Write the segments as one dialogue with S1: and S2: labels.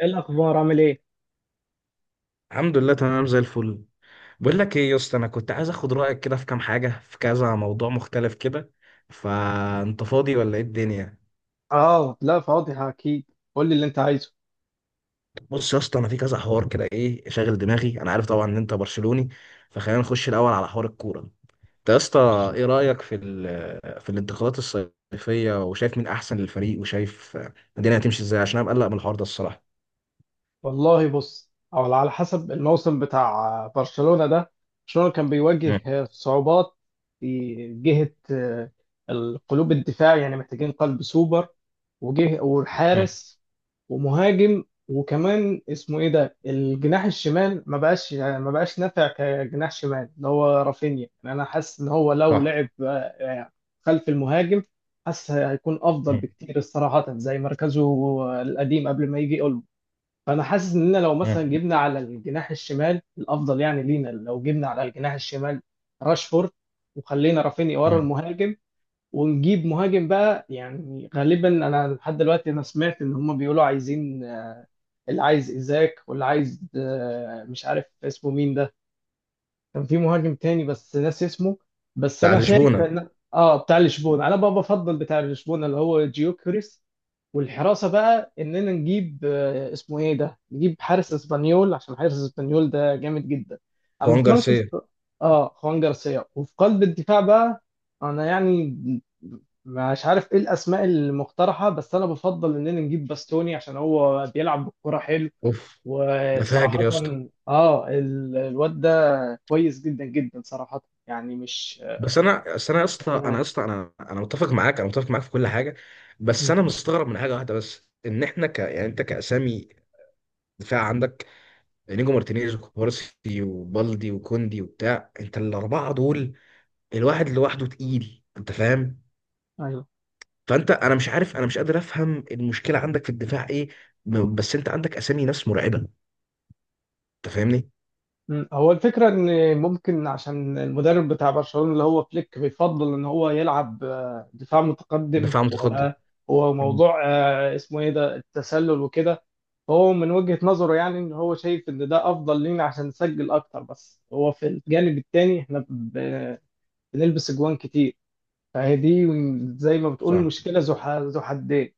S1: ايه الاخبار عامل ايه؟
S2: الحمد لله، تمام زي الفل. بقول لك ايه يا اسطى، انا كنت عايز اخد رايك كده في كام حاجه، في كذا موضوع مختلف كده. فانت فاضي ولا ايه الدنيا؟
S1: اه، لا فاضي اكيد. قول لي اللي انت عايزه.
S2: بص يا اسطى، انا في كذا حوار كده ايه شاغل دماغي. انا عارف طبعا ان انت برشلوني، فخلينا نخش الاول على حوار الكوره. انت يا اسطى، ايه رايك في في الانتقالات الصيفيه؟ وشايف مين احسن للفريق، وشايف الدنيا هتمشي ازاي؟ عشان انا مقلق من الحوار ده الصراحه.
S1: والله بص، او على حسب الموسم بتاع برشلونة ده. برشلونة كان
S2: مم.
S1: بيواجه صعوبات في جهة القلوب، الدفاع يعني محتاجين قلب سوبر، وجه
S2: مم.
S1: والحارس ومهاجم، وكمان اسمه ايه ده الجناح الشمال ما بقاش نافع كجناح شمال، اللي هو رافينيا. يعني انا حاسس ان هو لو
S2: صح.
S1: لعب يعني خلف المهاجم، حاسس هيكون افضل
S2: مم.
S1: بكتير صراحة، زي مركزه القديم قبل ما يجي. فانا حاسس اننا لو
S2: مم.
S1: مثلا جبنا على الجناح الشمال الافضل، يعني لينا لو جبنا على الجناح الشمال راشفورد، وخلينا رافينيا ورا
S2: مم.
S1: المهاجم، ونجيب مهاجم بقى. يعني غالبا انا لحد دلوقتي سمعت ان هم بيقولوا عايزين اللي عايز ايزاك واللي عايز، مش عارف اسمه مين ده، كان في مهاجم تاني بس ناسي اسمه. بس
S2: بتاع
S1: انا شايف
S2: لشبونه.
S1: ان، اه، بتاع لشبونه، انا بقى بفضل بتاع لشبونه اللي هو جيوكريس. والحراسه بقى اننا نجيب، اسمه ايه ده، نجيب حارس اسبانيول، عشان حارس اسبانيول ده جامد جدا اما
S2: خوان
S1: في
S2: جارسيا.
S1: مركز. اه، خوان جارسيا. وفي قلب الدفاع بقى، انا يعني مش عارف ايه الاسماء المقترحه، بس انا بفضل اننا نجيب باستوني عشان هو بيلعب بالكره حلو.
S2: اوف، ده فاجر
S1: وصراحه،
S2: يا اسطى.
S1: اه، الواد ده كويس جدا جدا صراحه، يعني مش.
S2: بس انا يا اسطى، انا
S1: نعم.
S2: يا اسطى انا انا متفق معاك، في كل حاجه. بس
S1: مم.
S2: انا مستغرب من حاجه واحده بس، ان احنا يعني انت كاسامي، دفاع عندك نيجو مارتينيز وكوبارسي وبالدي وكوندي وبتاع، انت الاربعه دول الواحد لوحده تقيل، انت فاهم.
S1: ايوه.
S2: فانت انا مش عارف، انا مش قادر افهم المشكله عندك في الدفاع ايه. بس انت عندك اسامي ناس مرعبه، انت فاهمني.
S1: مم. هو الفكرة ان ممكن عشان المدرب بتاع برشلونة اللي هو فليك بيفضل ان هو يلعب دفاع متقدم،
S2: دفاع متقدم. مم.
S1: وموضوع اسمه ايه ده التسلل وكده. فهو من وجهة نظره يعني ان هو شايف ان ده افضل لينا عشان نسجل اكتر، بس هو في الجانب التاني احنا بنلبس اجوان كتير. فهي دي زي ما بتقول
S2: صح.
S1: مشكلة ذو حدين.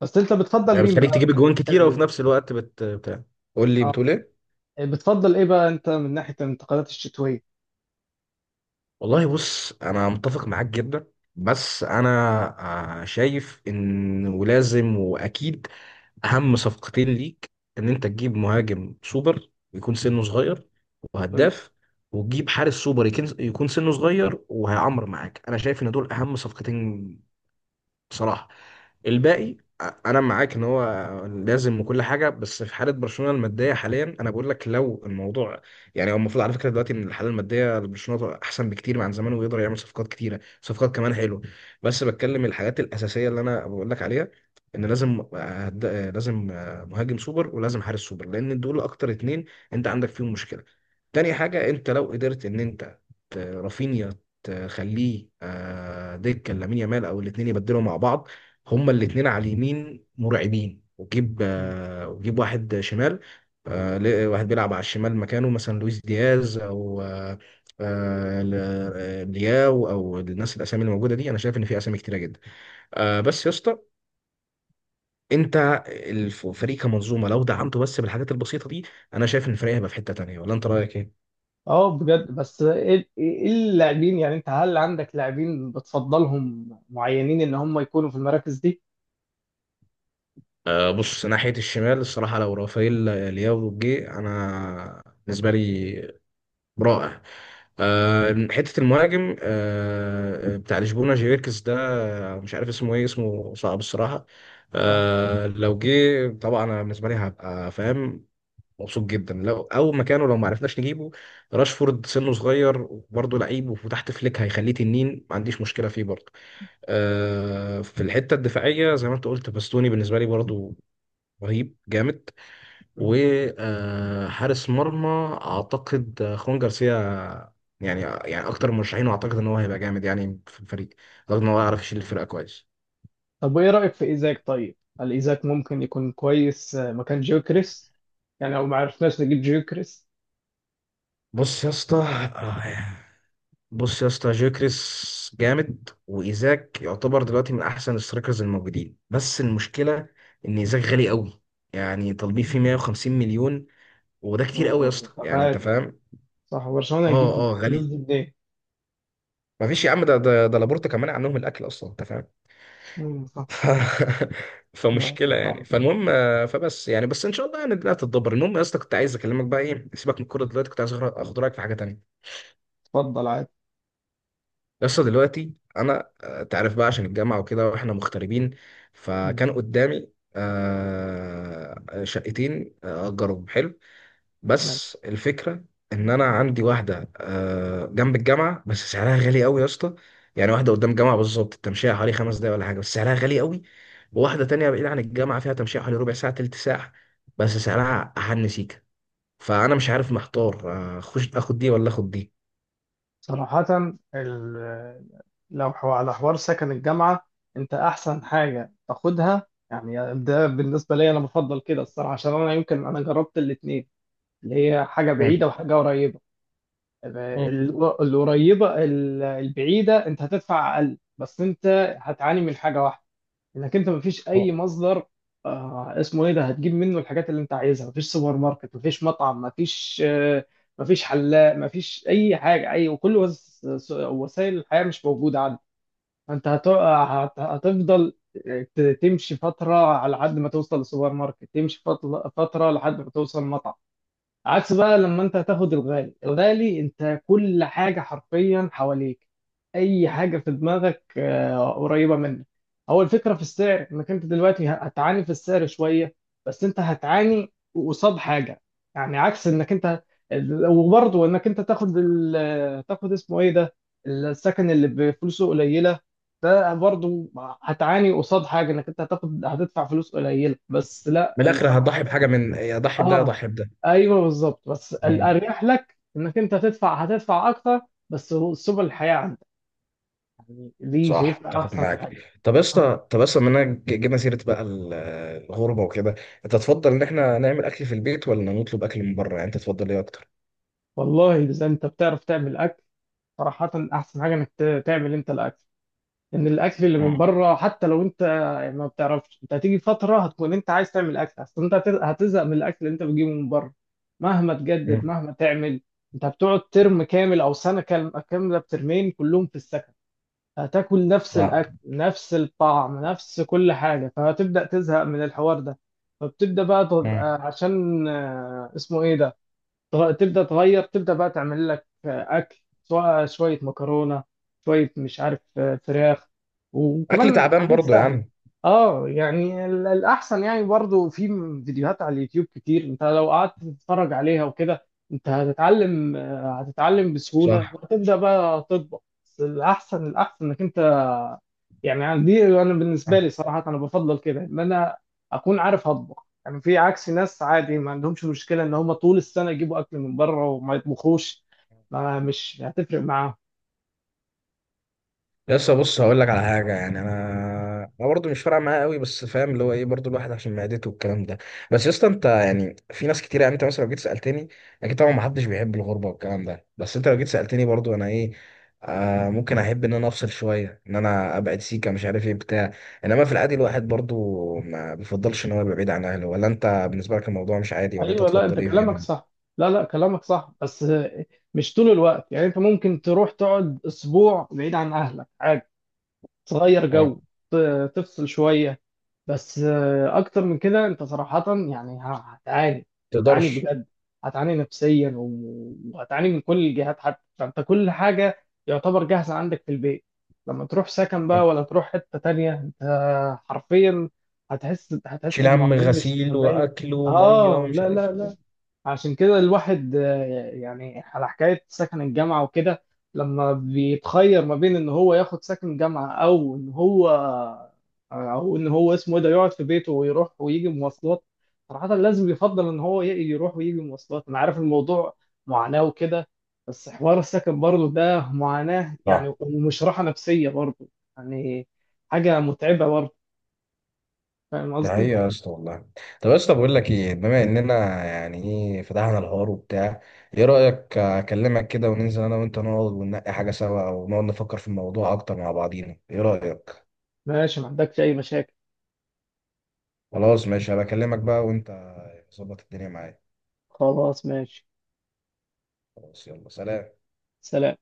S1: بس انت بتفضل
S2: يعني
S1: مين
S2: بتخليك
S1: بقى
S2: تجيب
S1: في
S2: اجوان
S1: البتاع
S2: كتيره، وفي
S1: دي؟
S2: نفس الوقت بتاع. قول لي،
S1: اه.
S2: بتقول ايه؟
S1: بتفضل ايه بقى انت من ناحية الانتقالات الشتوية؟
S2: والله بص، انا متفق معاك جدا، بس انا شايف ان، ولازم واكيد، اهم صفقتين ليك ان انت تجيب مهاجم سوبر يكون سنه صغير وهداف، وتجيب حارس سوبر يكون سنه صغير وهيعمر معاك. انا شايف ان دول اهم صفقتين بصراحة. الباقي، انا معاك ان هو لازم وكل حاجه، بس في حاله برشلونه الماديه حاليا انا بقول لك. لو الموضوع يعني، هو المفروض على فكره دلوقتي ان الحاله الماديه لبرشلونه احسن بكتير من عن زمان، ويقدر يعمل صفقات كتيره، صفقات كمان حلوه. بس بتكلم الحاجات الاساسيه اللي انا بقول لك عليها، ان لازم، لازم مهاجم سوبر، ولازم حارس سوبر، لان دول اكتر اتنين انت عندك فيهم مشكله. تاني حاجه، انت لو قدرت ان انت رافينيا تخليه دكه، لامين يامال او الاثنين يبدلوا مع بعض. هما الاثنين على اليمين مرعبين. وجيب واحد شمال، واحد بيلعب على الشمال، مكانه مثلا لويس دياز، او آه، ل- لياو، او الناس، الاسامي اللي موجوده دي. انا شايف ان في اسامي كتيره جدا. بس يا اسطى، انت الفريق كمنظومه لو دعمته بس بالحاجات البسيطه دي، انا شايف ان الفريق هيبقى في حته تانيه. ولا انت رايك ايه؟
S1: اه، بجد. بس ايه، إيه اللاعبين يعني؟ انت هل عندك لاعبين بتفضلهم معينين ان هم يكونوا في المراكز دي؟
S2: بص، ناحية الشمال الصراحة، لو رافائيل لياو جه، أنا بالنسبة لي رائع. حتة المهاجم، بتاع لشبونة جيركس ده، مش عارف اسمه ايه، اسمه صعب الصراحة.
S1: اه.
S2: لو جه طبعا أنا بالنسبة لي هبقى فاهم، مبسوط جدا. لو، أو مكانه لو ما عرفناش نجيبه، راشفورد سنه صغير وبرضه لعيب، وتحت فليك هيخليه تنين، ما عنديش مشكلة فيه برضه. في الحتة الدفاعية، زي ما انت قلت، باستوني بالنسبة لي برضه رهيب، جامد.
S1: مم.
S2: وحارس مرمى، اعتقد خوان جارسيا، يعني اكتر المرشحين، واعتقد ان هو هيبقى جامد يعني في الفريق. اعتقد ان هو يعرف يشيل الفرقه كويس.
S1: طب وايه رأيك في ايزاك طيب؟ هل ايزاك ممكن يكون كويس مكان جيوكريس؟ يعني لو ما عرفناش نجيب جيوكريس.
S2: بص يا اسطى آه، بص يا اسطى، جيوكريس جامد، وايزاك يعتبر دلوقتي من احسن السترايكرز الموجودين، بس المشكله ان ايزاك غالي قوي. يعني طالبين فيه
S1: مم.
S2: 150 مليون، وده كتير قوي يا
S1: هو
S2: اسطى، يعني انت
S1: تقاعد.
S2: فاهم.
S1: صح، برشلونة
S2: اه،
S1: هيجيب
S2: اه، غالي.
S1: الفلوس دي منين؟
S2: مفيش يا عم، ده لابورتا كمان عنهم الاكل اصلا، انت فاهم.
S1: مم، صح.
S2: ف...
S1: لا،
S2: فمشكله يعني.
S1: صعب.
S2: فالمهم آه، فبس يعني بس ان شاء الله يعني الدنيا هتتدبر. المهم يا اسطى، كنت عايز اكلمك بقى. ايه، سيبك من الكوره دلوقتي، كنت عايز اخد رايك في حاجه تانيه.
S1: اتفضل عادي.
S2: يا اسطى دلوقتي انا، تعرف بقى، عشان الجامعه وكده، واحنا مغتربين. فكان قدامي شقتين اجرهم حلو،
S1: مم.
S2: بس الفكرة ان انا عندي واحدة جنب الجامعة بس سعرها غالي قوي يا اسطى. يعني واحدة قدام الجامعة بالظبط، التمشية حوالي 5 دقايق ولا حاجة، بس سعرها غالي قوي. وواحدة تانية بعيدة عن الجامعة، فيها تمشية حوالي ربع ساعة، تلت ساعة، بس سعرها أحن سيكة. فأنا مش عارف، محتار اخش اخد دي، ولا اخد دي.
S1: صراحة، ال- لو على حوار سكن الجامعة، أنت أحسن حاجة تاخدها. يعني ده بالنسبة لي أنا بفضل كده الصراحة، عشان أنا يمكن أنا جربت الاتنين، اللي هي حاجة
S2: مم.
S1: بعيدة وحاجة قريبة.
S2: مم.
S1: القريبة، البعيدة أنت هتدفع أقل، بس أنت هتعاني من حاجة واحدة، انك انت مفيش اي مصدر، آه، اسمه ايه ده، هتجيب منه الحاجات اللي انت عايزها. مفيش سوبر ماركت، مفيش مطعم، مفيش آه، مفيش حلاق، مفيش اي حاجه، اي وكل وس- س- وسائل الحياه مش موجوده عندك. فانت هتفضل تمشي فتره على حد ما توصل للسوبر ماركت، تمشي فتره لحد ما توصل مطعم. عكس بقى لما انت هتاخد الغالي، الغالي انت كل حاجة حرفيا حواليك، اي حاجة في دماغك قريبة منك. هو الفكرة في السعر، انك انت دلوقتي هتعاني في السعر شوية، بس انت هتعاني قصاد حاجة. يعني عكس انك انت، وبرضه انك انت تاخد تاخد اسمه ايه ده السكن اللي بفلوسه قليلة، ده برضه هتعاني قصاد حاجة، انك انت هتاخد هتدفع فلوس قليلة. بس
S2: من
S1: لا
S2: الآخر هضحي
S1: صراحة.
S2: بحاجة، من يا اضحي بده يا
S1: اه،
S2: اضحي
S1: ايوه بالظبط. بس
S2: بده.
S1: الاريح لك انك انت تدفع، هتدفع اكتر، بس سبل الحياه عندك، دي
S2: صح،
S1: شايفها
S2: اتفق
S1: احسن
S2: معاك.
S1: حاجه. آه.
S2: طب يا اسطى، بما اننا جبنا سيره بقى الغربه وكده، انت تفضل ان احنا نعمل اكل في البيت، ولا نطلب اكل من بره؟ يعني انت تفضل ايه اكتر؟
S1: والله اذا انت بتعرف تعمل اكل، صراحه احسن حاجه انك تعمل انت الاكل. لان الاكل اللي من
S2: مم.
S1: بره حتى لو انت يعني ما بتعرفش، انت هتيجي فتره هتكون انت عايز تعمل اكل، اصل انت هتزهق من الاكل اللي انت بتجيبه من بره مهما تجدد
S2: مم.
S1: مهما تعمل. انت بتقعد ترم كامل او سنه كامله بترمين كلهم في السكن، هتاكل نفس
S2: صح.
S1: الاكل نفس الطعم نفس كل حاجه، فهتبدا تزهق من الحوار ده. فبتبدا بقى
S2: مم.
S1: تبقى عشان اسمه ايه ده، تبدا تغير، تبدا بقى تعمل لك اكل، سواء شويه مكرونه، شويه مش عارف فراخ،
S2: اكل
S1: وكمان
S2: تعبان
S1: حاجات
S2: برضو يا
S1: سهله.
S2: عم.
S1: اه، يعني الاحسن. يعني برضو في فيديوهات على اليوتيوب كتير، انت لو قعدت تتفرج عليها وكده انت هتتعلم، هتتعلم بسهوله
S2: صح.
S1: وهتبدا بقى تطبخ. بس الاحسن الاحسن انك انت، يعني دي انا بالنسبه لي صراحه انا بفضل كده، ان انا اكون عارف اطبخ. يعني في عكس ناس عادي ما عندهمش مشكلة ان هم طول السنة يجيبوا اكل من بره وما يطبخوش، ما مش هتفرق معاهم.
S2: لسه، بص هقول لك على حاجه. يعني انا، برضه مش فارقه معايا قوي، بس فاهم اللي هو ايه، برضه الواحد عشان معدته والكلام ده. بس يا اسطى، انت يعني في ناس كتير، يعني انت مثلا لو جيت سالتني، اكيد طبعا ما حدش بيحب الغربه والكلام ده، بس انت لو جيت سالتني برضه، انا ايه، ممكن احب ان انا افصل شويه، ان انا ابعد سيكه، مش عارف ايه بتاع. انما في العادي، الواحد برضه ما بيفضلش ان هو يبقى بعيد عن اهله. ولا انت بالنسبه لك الموضوع مش عادي؟ ولا انت
S1: ايوه، لا
S2: تفضل
S1: انت
S2: ايه في؟
S1: كلامك صح. لا لا، كلامك صح، بس مش طول الوقت. يعني انت ممكن تروح تقعد اسبوع بعيد عن اهلك عادي، تغير
S2: اه.
S1: جو، تفصل شوية، بس اكتر من كده انت صراحة يعني هتعاني. هتعاني
S2: تقدرش.
S1: بجد، هتعاني نفسيا وهتعاني من كل الجهات. حتى فانت كل حاجة يعتبر جاهزة عندك في البيت، لما تروح سكن بقى
S2: آه.
S1: ولا تروح حتة تانية، انت حرفيا هتحس
S2: تشيل هم
S1: بمعاناة مش
S2: غسيل
S1: طبيعية.
S2: واكل وميه
S1: اه
S2: ومش
S1: لا
S2: عارف
S1: لا
S2: ايه.
S1: لا. عشان كده الواحد يعني على حكاية سكن الجامعة وكده، لما بيتخير ما بين ان هو ياخد سكن جامعة او ان هو اسمه ايه ده يقعد في بيته ويروح ويجي مواصلات، صراحة لازم يفضل ان هو يروح ويجي مواصلات. انا عارف الموضوع معاناة وكده، بس حوار السكن برضه ده معاناة يعني، ومش راحة نفسية برضه يعني، حاجة متعبة برضه. فاهم
S2: ده
S1: قصدي؟
S2: حقيقة يا اسطى، والله. طب يا اسطى، بقول لك ايه، بما اننا يعني، ايه، فتحنا الحوار وبتاع، ايه رأيك اكلمك كده، وننزل انا وانت، نقعد وننقي حاجة سوا، او نقعد نفكر في الموضوع اكتر مع بعضينا؟ ايه رأيك؟
S1: ماشي، ما عندكش اي مشاكل.
S2: خلاص ماشي، هبقى اكلمك بقى، وانت ظبط الدنيا معايا.
S1: خلاص ماشي.
S2: خلاص يلا، سلام.
S1: سلام.